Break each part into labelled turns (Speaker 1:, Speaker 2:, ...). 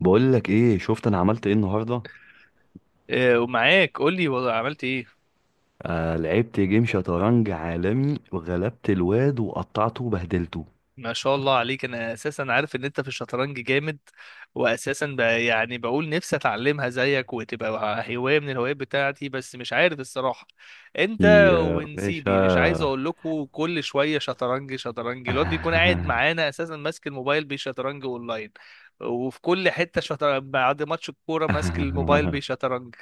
Speaker 1: بقول لك ايه، شفت انا عملت ايه النهارده؟
Speaker 2: آه، ومعاك. قول لي والله عملت ايه؟
Speaker 1: آه لعبت جيم شطرنج عالمي وغلبت الواد وقطعته وبهدلته.
Speaker 2: ما شاء الله عليك. انا اساسا عارف ان انت في الشطرنج جامد، واساسا يعني بقول نفسي اتعلمها زيك وتبقى هوايه من الهوايات بتاعتي، بس مش عارف الصراحه. انت
Speaker 1: يا
Speaker 2: ونسيبي
Speaker 1: باشا.
Speaker 2: مش عايز اقول لكم كل شويه شطرنج شطرنج، الواد بيكون قاعد معانا اساسا ماسك الموبايل بيشطرنج اونلاين، وفي كل حته شطرنج بعد ماتش الكوره ماسك الموبايل بيشطرنج.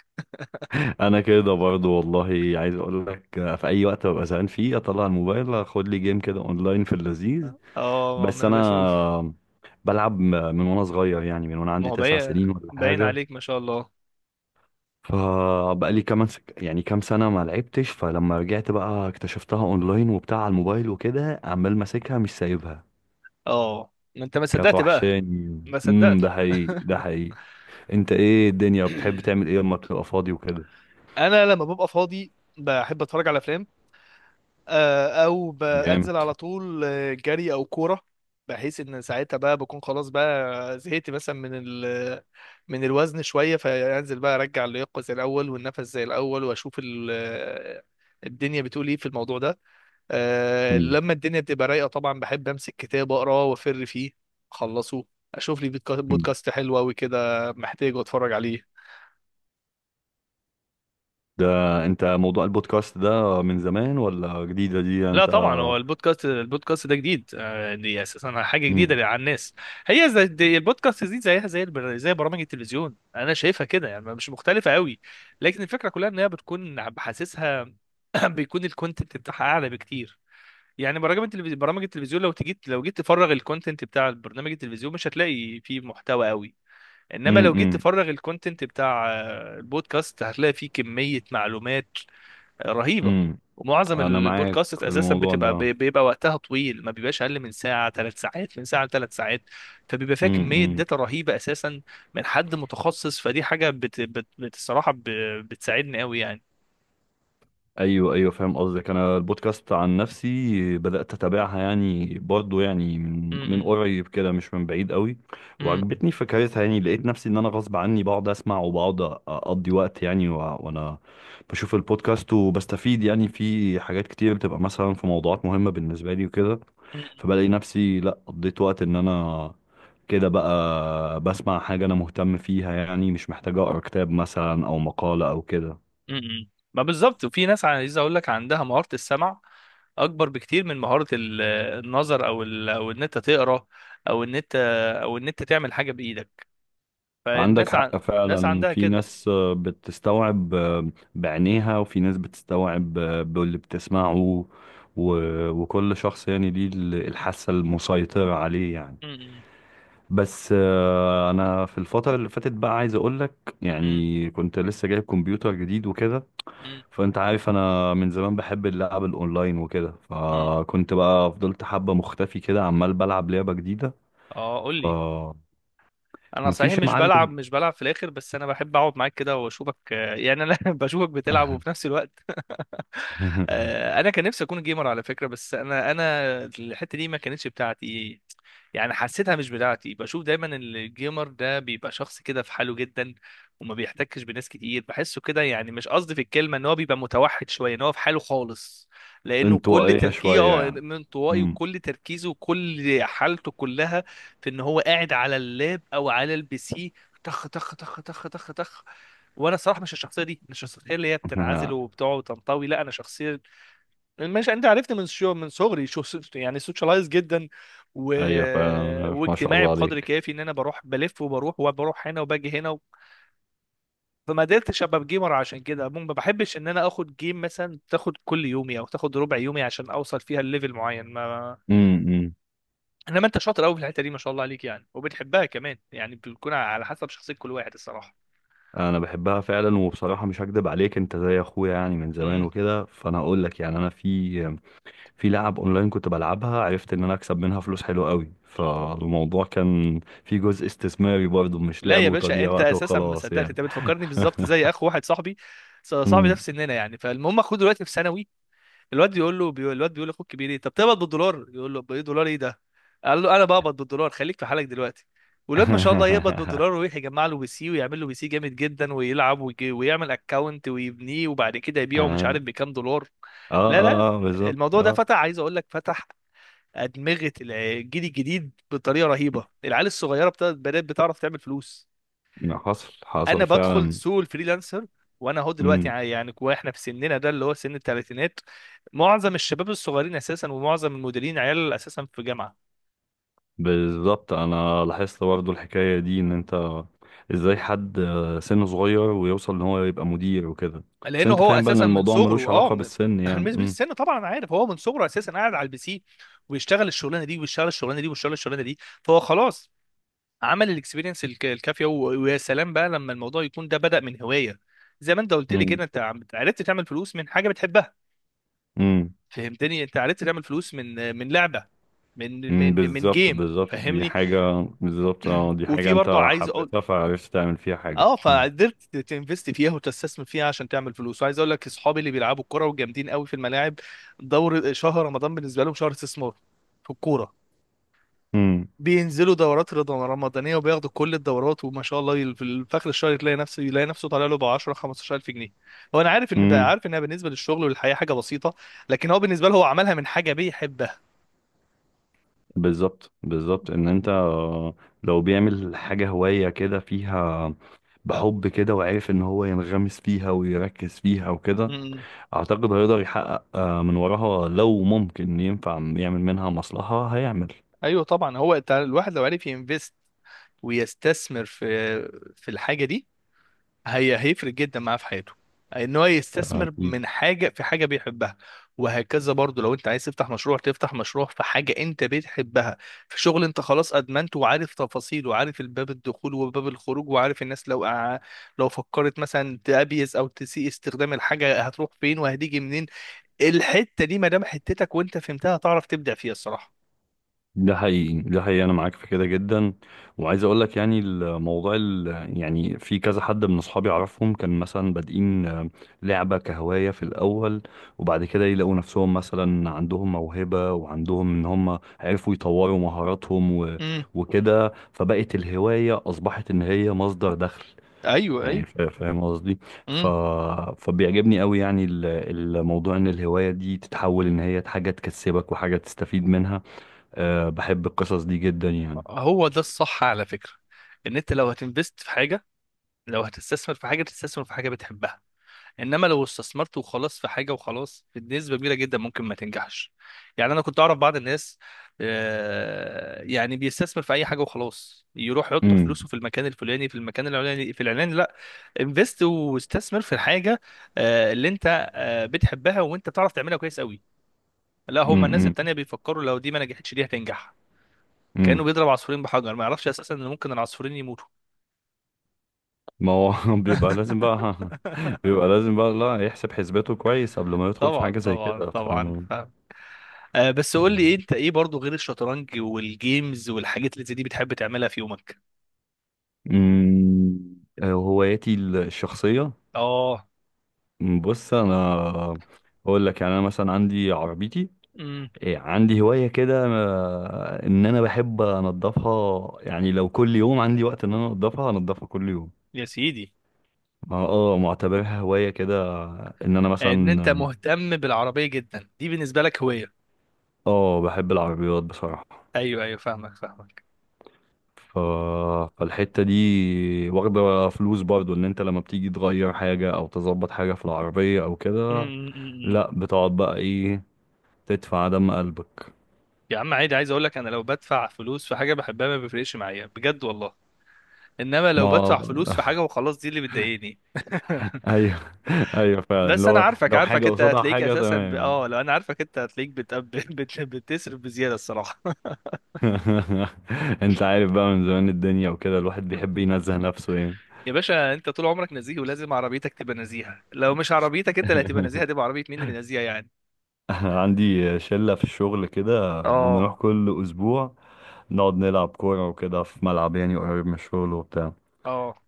Speaker 1: انا كده برضو والله. عايز اقول لك في اي وقت ببقى زهقان فيه اطلع الموبايل اخد لي جيم كده اونلاين في اللذيذ.
Speaker 2: اه ما
Speaker 1: بس
Speaker 2: انا بشوف.
Speaker 1: انا بلعب من وانا صغير، يعني من وانا
Speaker 2: ما
Speaker 1: عندي
Speaker 2: هو
Speaker 1: تسع
Speaker 2: باين،
Speaker 1: سنين ولا
Speaker 2: باين
Speaker 1: حاجه.
Speaker 2: عليك ما شاء الله.
Speaker 1: فبقالي كمان يعني كام سنة ما لعبتش، فلما رجعت بقى اكتشفتها اونلاين وبتاع على الموبايل وكده عمال ماسكها مش سايبها.
Speaker 2: اه ما انت ما
Speaker 1: كانت
Speaker 2: صدقت بقى.
Speaker 1: وحشاني.
Speaker 2: ما صدقت.
Speaker 1: ده حقيقي، ده حقيقي. انت ايه الدنيا، بتحب تعمل ايه لما بتبقى فاضي وكده؟
Speaker 2: انا لما ببقى فاضي بحب اتفرج على افلام، او
Speaker 1: جامد.
Speaker 2: بنزل على طول، جري او كوره، بحيث ان ساعتها بقى بكون خلاص بقى زهقت مثلا من الوزن شويه، فانزل بقى ارجع اللياقه زي الاول والنفس زي الاول، واشوف الدنيا بتقول ايه في الموضوع ده.
Speaker 1: مم.
Speaker 2: لما الدنيا بتبقى رايقه طبعا بحب امسك كتاب اقراه وافر فيه اخلصه، اشوف لي
Speaker 1: مم.
Speaker 2: بودكاست حلو قوي كده محتاجه اتفرج عليه.
Speaker 1: ده انت موضوع البودكاست ده من زمان ولا جديدة دي
Speaker 2: لا
Speaker 1: انت؟
Speaker 2: طبعا، هو البودكاست، ده جديد. دي اساسا حاجه
Speaker 1: امم.
Speaker 2: جديده على الناس. هي زي دي، البودكاست دي زيها زي زي برامج التلفزيون انا شايفها كده يعني، مش مختلفه قوي. لكن الفكره كلها ان هي بتكون بحاسسها، بيكون الكونتنت بتاعها اعلى بكتير. يعني برامج التلفزيون برامج التلفزيون لو جيت تفرغ الكونتنت بتاع البرنامج التلفزيون مش هتلاقي فيه محتوى قوي. انما لو جيت
Speaker 1: امم.
Speaker 2: تفرغ الكونتنت بتاع البودكاست هتلاقي فيه كمية معلومات رهيبة.
Speaker 1: امم.
Speaker 2: ومعظم
Speaker 1: انا معاك
Speaker 2: البودكاست
Speaker 1: في
Speaker 2: اساسا
Speaker 1: الموضوع
Speaker 2: بتبقى
Speaker 1: ده.
Speaker 2: بيبقى وقتها طويل، ما بيبقاش اقل من ساعة ثلاث ساعات، من ساعة ثلاث ساعات. فبيبقى فيها كمية
Speaker 1: مم.
Speaker 2: داتا رهيبة اساسا، من حد متخصص. فدي حاجة الصراحة بتساعدني قوي يعني.
Speaker 1: ايوه ايوه فاهم قصدك، انا البودكاست عن نفسي بدات اتابعها يعني برضو، يعني
Speaker 2: م-
Speaker 1: من
Speaker 2: م-
Speaker 1: قريب كده، مش من بعيد قوي.
Speaker 2: م-
Speaker 1: وعجبتني فكرتها، يعني لقيت نفسي ان انا غصب عني بقعد اسمع وبقعد اقضي وقت، يعني وانا بشوف البودكاست وبستفيد، يعني في حاجات كتير بتبقى مثلا في موضوعات مهمه بالنسبه لي وكده.
Speaker 2: م-
Speaker 1: فبلاقي نفسي لا قضيت وقت ان انا كده بقى بسمع حاجه انا مهتم فيها، يعني مش محتاج اقرا كتاب مثلا او مقاله او كده.
Speaker 2: م-م. ما بالظبط. وفي ناس عايز اقول لك عندها مهارة السمع اكبر بكتير من مهارة النظر، او ان انت تقرا، او ان انت او ان انت تعمل حاجة بايدك.
Speaker 1: عندك
Speaker 2: فالناس ع...
Speaker 1: حق
Speaker 2: ناس
Speaker 1: فعلا،
Speaker 2: عندها
Speaker 1: في
Speaker 2: كده.
Speaker 1: ناس بتستوعب بعينيها، وفي ناس بتستوعب باللي بتسمعه. وكل شخص يعني ليه الحاسة المسيطرة عليه يعني.
Speaker 2: م-م.
Speaker 1: بس انا في الفترة اللي فاتت بقى عايز اقولك،
Speaker 2: م-م.
Speaker 1: يعني كنت لسه جايب كمبيوتر جديد وكده. فانت عارف انا من زمان بحب اللعب الاونلاين وكده،
Speaker 2: م-م.
Speaker 1: فكنت بقى فضلت حبة مختفي كده عمال بلعب لعبة جديدة.
Speaker 2: اه قول لي.
Speaker 1: فمفيش.
Speaker 2: انا
Speaker 1: يا
Speaker 2: صحيح مش بلعب،
Speaker 1: معلم.
Speaker 2: في الاخر، بس انا بحب اقعد معاك كده واشوفك، يعني انا بشوفك بتلعب وفي نفس الوقت. انا كان نفسي اكون جيمر على فكره، بس انا الحته دي ما كانتش بتاعتي. يعني حسيتها مش بتاعتي، بشوف دايما إن الجيمر ده بيبقى شخص كده في حاله جدا، وما بيحتكش بناس كتير، بحسه كده يعني. مش قصدي في الكلمه ان هو بيبقى متوحد شويه، ان هو في حاله خالص، لانه كل
Speaker 1: انطوائية
Speaker 2: تركيزه
Speaker 1: شوية يعني.
Speaker 2: انطوائي،
Speaker 1: امم.
Speaker 2: وكل تركيزه وكل حالته كلها في ان هو قاعد على اللاب او على البي سي. تخ تخ تخ تخ تخ تخ. وانا صراحه مش الشخصيه دي، مش الشخصيه اللي هي بتنعزل وبتقعد وتنطوي. لا، انا شخصيه، ماشي انت عرفت، من شو من صغري شو، يعني سوشيالايز جدا و...
Speaker 1: ايوه فعلا ما شاء
Speaker 2: واجتماعي
Speaker 1: الله
Speaker 2: بقدر
Speaker 1: عليك.
Speaker 2: كافي، ان انا بروح بلف وبروح وبروح هنا وباجي هنا فما قدرتش ابقى جيمر، عشان كده ما بحبش ان انا اخد جيم مثلا تاخد كل يومي او تاخد ربع يومي عشان اوصل فيها الليفل معين ما
Speaker 1: امم.
Speaker 2: انما انت شاطر قوي في الحته دي ما شاء الله عليك، يعني وبتحبها كمان يعني، بتكون على حسب شخصيه كل واحد الصراحه.
Speaker 1: انا بحبها فعلا، وبصراحة مش هكدب عليك انت زي اخويا يعني من زمان
Speaker 2: امم.
Speaker 1: وكده، فانا هقول لك يعني انا في في لعب اونلاين كنت بلعبها، عرفت ان انا اكسب منها فلوس حلوة قوي، فالموضوع كان في جزء استثماري برضه، مش
Speaker 2: لا
Speaker 1: لعب
Speaker 2: يا باشا،
Speaker 1: وتضييع
Speaker 2: انت
Speaker 1: وقت
Speaker 2: اساسا ما
Speaker 1: وخلاص
Speaker 2: صدقت.
Speaker 1: يعني.
Speaker 2: انت بتفكرني بالظبط زي اخ واحد صاحبي. صاحبي ده
Speaker 1: امم.
Speaker 2: في سننا يعني. فالمهم، اخوه دلوقتي في ثانوي. الواد يقول له، بيقول الواد بيقول لاخوك الكبير ايه طب تقبض بالدولار، يقول له بايه، دولار ايه ده؟ قال له انا بقبض بالدولار، خليك في حالك دلوقتي. والواد ما شاء الله يقبض بالدولار، ويروح يجمع له بي سي، ويعمل له بي سي جامد جدا، ويلعب ويجي ويعمل اكونت ويبنيه، وبعد كده يبيعه مش
Speaker 1: اه.
Speaker 2: عارف بكام دولار.
Speaker 1: اه.
Speaker 2: لا لا.
Speaker 1: اه بالظبط
Speaker 2: الموضوع ده
Speaker 1: اه.
Speaker 2: فتح، عايز اقول لك فتح ادمغه الجيل الجديد بطريقه رهيبه. العيال الصغيره بدات بتعرف تعمل فلوس.
Speaker 1: حصل
Speaker 2: انا
Speaker 1: حصل
Speaker 2: بدخل
Speaker 1: فعلا.
Speaker 2: سوق الفريلانسر، وانا اهو دلوقتي، يعني واحنا في سننا ده اللي هو سن الثلاثينات، معظم الشباب الصغيرين اساسا ومعظم المديرين عيال اساسا في جامعه.
Speaker 1: بالظبط انا لاحظت برضه الحكايه دي، ان انت ازاي حد سنه صغير ويوصل ان هو يبقى مدير وكده؟ بس
Speaker 2: لانه
Speaker 1: انت
Speaker 2: هو
Speaker 1: فاهم بقى ان
Speaker 2: اساسا من
Speaker 1: الموضوع ملوش
Speaker 2: صغره اه
Speaker 1: علاقه
Speaker 2: من
Speaker 1: بالسن يعني.
Speaker 2: مش
Speaker 1: امم.
Speaker 2: بالسن طبعا. أنا عارف، هو من صغره اساسا قاعد على البي سي، ويشتغل الشغلانه دي ويشتغل الشغلانه دي ويشتغل الشغلانه دي، فهو خلاص عمل الاكسبيرينس الكافيه، ويا سلام بقى لما الموضوع يكون ده بدأ من هوايه. زي ما انت قلت لي كده،
Speaker 1: امم.
Speaker 2: انت عرفت تعمل فلوس من حاجه بتحبها.
Speaker 1: امم.
Speaker 2: فهمتني؟ انت عرفت تعمل فلوس من لعبه، من
Speaker 1: أمم،
Speaker 2: من من
Speaker 1: بالظبط
Speaker 2: جيم،
Speaker 1: بالظبط، دي
Speaker 2: فهمني.
Speaker 1: حاجه بالظبط، اه دي
Speaker 2: وفي
Speaker 1: حاجه
Speaker 2: برضه
Speaker 1: انت
Speaker 2: عايز اقول،
Speaker 1: حبيتها فعرفت تعمل فيها حاجه.
Speaker 2: اه
Speaker 1: امم.
Speaker 2: فقدرت تنفست فيها وتستثمر فيها عشان تعمل فلوس. وعايز اقول لك اصحابي اللي بيلعبوا الكوره وجامدين قوي في الملاعب، دور شهر رمضان بالنسبه لهم شهر استثمار في الكوره.
Speaker 1: امم.
Speaker 2: بينزلوا دورات رمضانيه وبياخدوا كل الدورات، وما شاء الله في اخر الشهر تلاقي نفسه يلاقي نفسه طالع له ب 10 15000 جنيه. هو انا عارف، ان
Speaker 1: أمم،
Speaker 2: عارف انها بالنسبه للشغل والحياه حاجه بسيطه، لكن هو بالنسبه له، هو عملها من حاجه بيحبها.
Speaker 1: بالظبط بالظبط. ان انت لو بيعمل حاجه هوايه كده فيها، بحب كده، وعارف ان هو ينغمس فيها ويركز فيها وكده، اعتقد هيقدر يحقق من وراها، لو ممكن ينفع يعمل منها مصلحة هيعمل.
Speaker 2: ايوه طبعا، هو انت الواحد لو عرف ينفست ويستثمر في الحاجه دي، هيفرق جدا معاه في حياته، ان هو يستثمر
Speaker 1: أكيد.
Speaker 2: من حاجه في حاجه بيحبها. وهكذا برضو، لو انت عايز تفتح مشروع، في حاجه انت بتحبها، في شغل انت خلاص ادمنته، وعارف تفاصيله، وعارف الباب الدخول وباب الخروج، وعارف الناس لو لو فكرت مثلا تأبيز او تسيء استخدام الحاجه هتروح فين وهتيجي منين. الحته دي ما دام حتتك وانت فهمتها هتعرف تبدع فيها الصراحه.
Speaker 1: ده حقيقي، ده حقيقي، انا معاك في كده جدا. وعايز اقول لك يعني الموضوع يعني في كذا حد من اصحابي اعرفهم كان مثلا بادئين لعبة كهواية في الاول، وبعد كده يلاقوا نفسهم مثلا عندهم موهبة، وعندهم ان هم عرفوا يطوروا مهاراتهم
Speaker 2: امم.
Speaker 1: وكده، فبقت الهواية اصبحت ان هي مصدر دخل،
Speaker 2: ايوه ايوه.
Speaker 1: يعني فاهم قصدي؟ ف...
Speaker 2: إمم.
Speaker 1: فبيعجبني قوي يعني الموضوع ان الهواية دي تتحول ان هي حاجة تكسبك وحاجة تستفيد منها. أه بحب القصص دي جدا يعني.
Speaker 2: هو ده الصح على فكرة، ان انت لو هتنفست في حاجة، لو هتستثمر في حاجة، تستثمر في حاجة بتحبها. انما لو استثمرت وخلاص في حاجة وخلاص، بنسبة كبيرة جدا ممكن ما تنجحش. يعني انا كنت اعرف بعض الناس، يعني بيستثمر في اي حاجة وخلاص، يروح يحط
Speaker 1: امم.
Speaker 2: فلوسه في المكان الفلاني في المكان العلاني في العلاني. لا، انفست واستثمر في الحاجة اللي انت بتحبها وانت بتعرف تعملها كويس قوي. لا، هما الناس
Speaker 1: امم.
Speaker 2: التانية بيفكروا لو دي ما نجحتش دي هتنجح، كأنه
Speaker 1: امم.
Speaker 2: بيضرب عصفورين بحجر، ما يعرفش اساسا ان ممكن العصفورين يموتوا.
Speaker 1: ما هو. بيبقى لازم بقى. بيبقى لازم بقى لا يحسب حسباته كويس قبل ما يدخل في
Speaker 2: طبعا
Speaker 1: حاجة زي
Speaker 2: طبعا
Speaker 1: كده. ف.
Speaker 2: طبعا فاهم. آه بس قول لي إيه، انت ايه برضو غير الشطرنج والجيمز والحاجات اللي زي دي بتحب تعملها في يومك؟
Speaker 1: امم. هواياتي الشخصية.
Speaker 2: اه.
Speaker 1: بص انا اقول لك يعني انا مثلا عندي عربيتي،
Speaker 2: امم.
Speaker 1: إيه عندي هواية كده، إن أنا بحب أنضفها، يعني لو كل يوم عندي وقت إن أنا أنضفها أنضفها كل يوم.
Speaker 2: يا سيدي.
Speaker 1: اه معتبرها هواية كده، إن أنا
Speaker 2: ان انت
Speaker 1: مثلا
Speaker 2: مهتم بالعربية جدا، دي بالنسبة لك هواية؟
Speaker 1: اه بحب العربيات بصراحة.
Speaker 2: ايوه ايوه فاهمك فاهمك.
Speaker 1: ف... فالحتة دي واخدة فلوس برضو، إن أنت لما بتيجي تغير حاجة أو تظبط حاجة في العربية أو
Speaker 2: أمم،
Speaker 1: كده،
Speaker 2: أمم، أمم.
Speaker 1: لأ بتقعد بقى إيه تدفع دم قلبك.
Speaker 2: يا عم عادي، عايز اقول لك انا لو بدفع فلوس في حاجة بحبها ما بيفرقش معايا بجد والله، انما لو
Speaker 1: ما.
Speaker 2: بدفع فلوس في حاجة وخلاص دي اللي بتضايقني.
Speaker 1: ايوه. ايوه فعلا،
Speaker 2: بس انا
Speaker 1: لو
Speaker 2: عارفك
Speaker 1: لو
Speaker 2: عارفك،
Speaker 1: حاجه
Speaker 2: انت
Speaker 1: قصادها
Speaker 2: هتلاقيك
Speaker 1: حاجه
Speaker 2: اساسا ب... اه
Speaker 1: تمام.
Speaker 2: لو انا عارفك انت هتلاقيك بتصرف بزياده الصراحه.
Speaker 1: انت عارف بقى من زمان الدنيا وكده، الواحد بيحب ينزه نفسه يعني.
Speaker 2: يا باشا انت طول عمرك نزيه، ولازم عربيتك تبقى نزيهه، لو مش عربيتك انت اللي هتبقى نزيهه، هتبقى عربيه مين اللي نزيهه يعني؟
Speaker 1: عندي شلة في الشغل كده
Speaker 2: اه.
Speaker 1: بنروح كل أسبوع نقعد نلعب كورة وكده في ملعب يعني قريب من الشغل وبتاع.
Speaker 2: اه.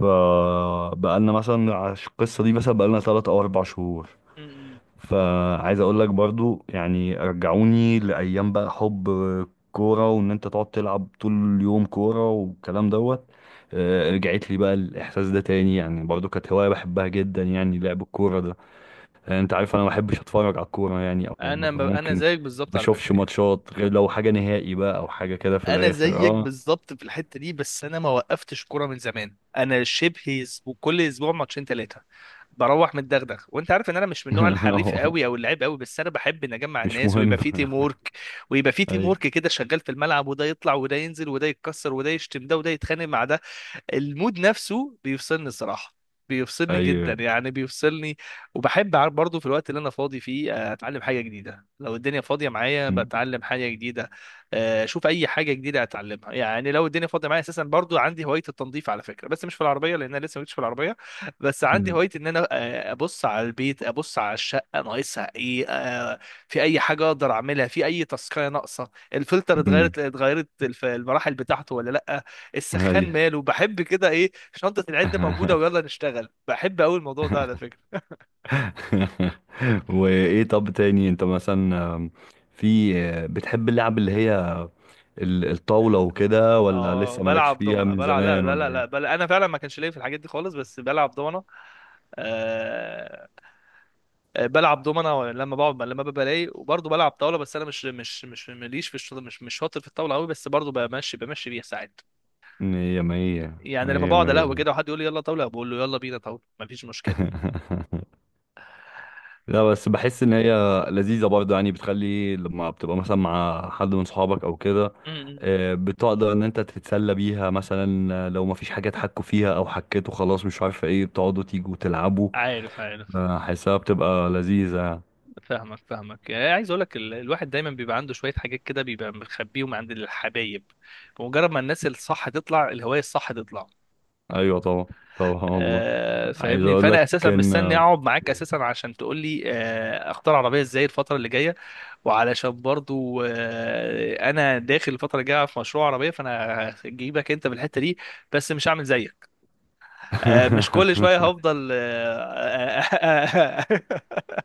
Speaker 1: فبقالنا مثلا على القصة دي مثلا بقالنا 3 أو 4 شهور.
Speaker 2: م- م.
Speaker 1: فعايز اقول لك برضو يعني رجعوني لايام بقى حب كوره، وان انت تقعد تلعب طول اليوم كوره والكلام دوت. رجعت لي بقى الاحساس ده تاني، يعني برضو كانت هوايه بحبها جدا يعني، لعب الكوره ده. انت عارف انا ما بحبش اتفرج على الكوره يعني، او
Speaker 2: انا انا
Speaker 1: ممكن ما
Speaker 2: زيك بالظبط على
Speaker 1: بشوفش
Speaker 2: فكره يعني.
Speaker 1: ماتشات غير لو حاجه نهائي بقى، او حاجه كده في
Speaker 2: انا
Speaker 1: الاخر
Speaker 2: زيك
Speaker 1: اه.
Speaker 2: بالظبط في الحته دي، بس انا ما وقفتش كوره من زمان، انا شبه اسبوع، كل اسبوع ماتشين ثلاثه، بروح متدغدغ. وانت عارف ان انا مش من النوع الحريف
Speaker 1: آه،
Speaker 2: قوي او اللعيب قوي، بس انا بحب ان اجمع
Speaker 1: مش
Speaker 2: الناس
Speaker 1: مهم.
Speaker 2: ويبقى في تيم وورك،
Speaker 1: ايوه
Speaker 2: كده شغال في الملعب، وده يطلع وده ينزل وده يتكسر وده يشتم ده وده يتخانق مع ده. المود نفسه بيفصلني الصراحة، بيفصلني جدا
Speaker 1: ايوه.
Speaker 2: يعني، بيفصلني. وبحب برضه في الوقت اللي انا فاضي فيه اتعلم حاجة جديدة، لو الدنيا فاضية معايا
Speaker 1: أمم،
Speaker 2: بتعلم حاجة جديدة، اشوف اي حاجة جديدة اتعلمها يعني، لو الدنيا فاضية معايا اساسا. برضه عندي هواية التنظيف على فكرة، بس مش في العربية لان انا لسه مش في العربية. بس عندي هواية ان انا ابص على البيت، ابص على الشقة ناقصها ايه، في اي حاجة اقدر اعملها، في اي تاسكاية ناقصة، الفلتر
Speaker 1: أمم،
Speaker 2: اتغيرت، المراحل بتاعته ولا لا، السخان
Speaker 1: ايوه.
Speaker 2: ماله، بحب كده ايه، شنطة العدة موجودة ويلا نشتغل. بحب قوي الموضوع ده على فكرة.
Speaker 1: وايه؟ طب تاني انت مثلا في بتحب اللعب اللي هي الطاولة وكده، ولا
Speaker 2: اه
Speaker 1: لسه مالكش
Speaker 2: بلعب
Speaker 1: فيها
Speaker 2: دومنة،
Speaker 1: من
Speaker 2: لا
Speaker 1: زمان
Speaker 2: لا
Speaker 1: ولا
Speaker 2: لا
Speaker 1: ايه؟
Speaker 2: لا، انا فعلا ما كانش ليا في الحاجات دي خالص بس بلعب دومنة. آه... بلعب دومنة لما بقعد، ببقى رايق. وبرضه بلعب طاولة، بس انا مش ماليش في الشطر، مش شاطر في الطاولة قوي، بس برضه بمشي بيها ساعات،
Speaker 1: مية مية
Speaker 2: يعني لما
Speaker 1: مية
Speaker 2: بقعد على قهوة
Speaker 1: مية.
Speaker 2: كده وحد يقول لي يلا طاولة، بقول له يلا بينا طاولة مفيش مشكلة.
Speaker 1: لا بس بحس ان هي لذيذة برضه يعني، بتخلي لما بتبقى مثلا مع حد من صحابك او كده،
Speaker 2: م- م.
Speaker 1: بتقدر ان انت تتسلى بيها، مثلا لو مفيش حاجة تحكوا فيها او حكيتوا خلاص مش عارفة ايه، بتقعدوا تيجوا تلعبوا.
Speaker 2: عارف عارف
Speaker 1: حاسها بتبقى لذيذة يعني.
Speaker 2: فاهمك فاهمك. يعني عايز اقول لك، الواحد دايما بيبقى عنده شويه حاجات كده بيبقى مخبيهم عند الحبايب، بمجرد ما الناس الصح تطلع، الهوايه الصح تطلع.
Speaker 1: ايوه طبعا. طبعا والله.
Speaker 2: آه
Speaker 1: عايز
Speaker 2: فاهمني،
Speaker 1: اقول
Speaker 2: فانا
Speaker 1: لك
Speaker 2: اساسا
Speaker 1: كان.
Speaker 2: مستني اقعد معاك اساسا عشان تقول لي، اختار عربيه ازاي الفتره اللي جايه، وعلشان برضو انا داخل الفتره الجايه في مشروع عربيه، فانا هجيبك انت بالحته دي، بس مش هعمل زيك، مش كل شويه هفضل آه،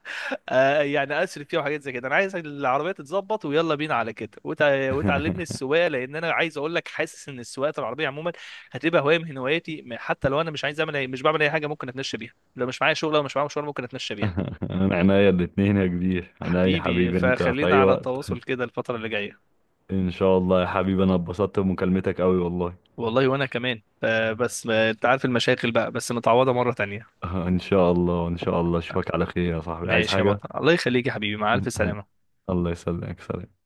Speaker 2: يعني اسري فيها وحاجات زي كده. انا عايز العربيه تتظبط ويلا بينا على كده، وتعلمني السواقه، لان انا عايز اقول لك حاسس ان السواقه العربيه عموما هتبقى هوايه من هواياتي. حتى لو انا مش عايز اعمل مش بعمل اي حاجه، ممكن اتمشى بيها لو مش معايا شغل او مش معايا مشوار، ممكن اتمشى بيها.
Speaker 1: انا عينيا الاتنين يا كبير، انا يا
Speaker 2: حبيبي
Speaker 1: حبيبي انت في
Speaker 2: فخلينا
Speaker 1: اي
Speaker 2: على
Speaker 1: وقت.
Speaker 2: تواصل كده الفتره اللي جايه.
Speaker 1: ان شاء الله يا حبيبي، انا اتبسطت بمكالمتك قوي والله.
Speaker 2: والله، وانا كمان، آه، بس آه، انت عارف المشاكل بقى، بس متعوضه مره تانية.
Speaker 1: ان شاء الله ان شاء الله، اشوفك على خير يا صاحبي، عايز
Speaker 2: ماشي يا
Speaker 1: حاجة؟
Speaker 2: بطل، الله يخليك يا حبيبي مع الف سلامه.
Speaker 1: الله يسلمك، سلام.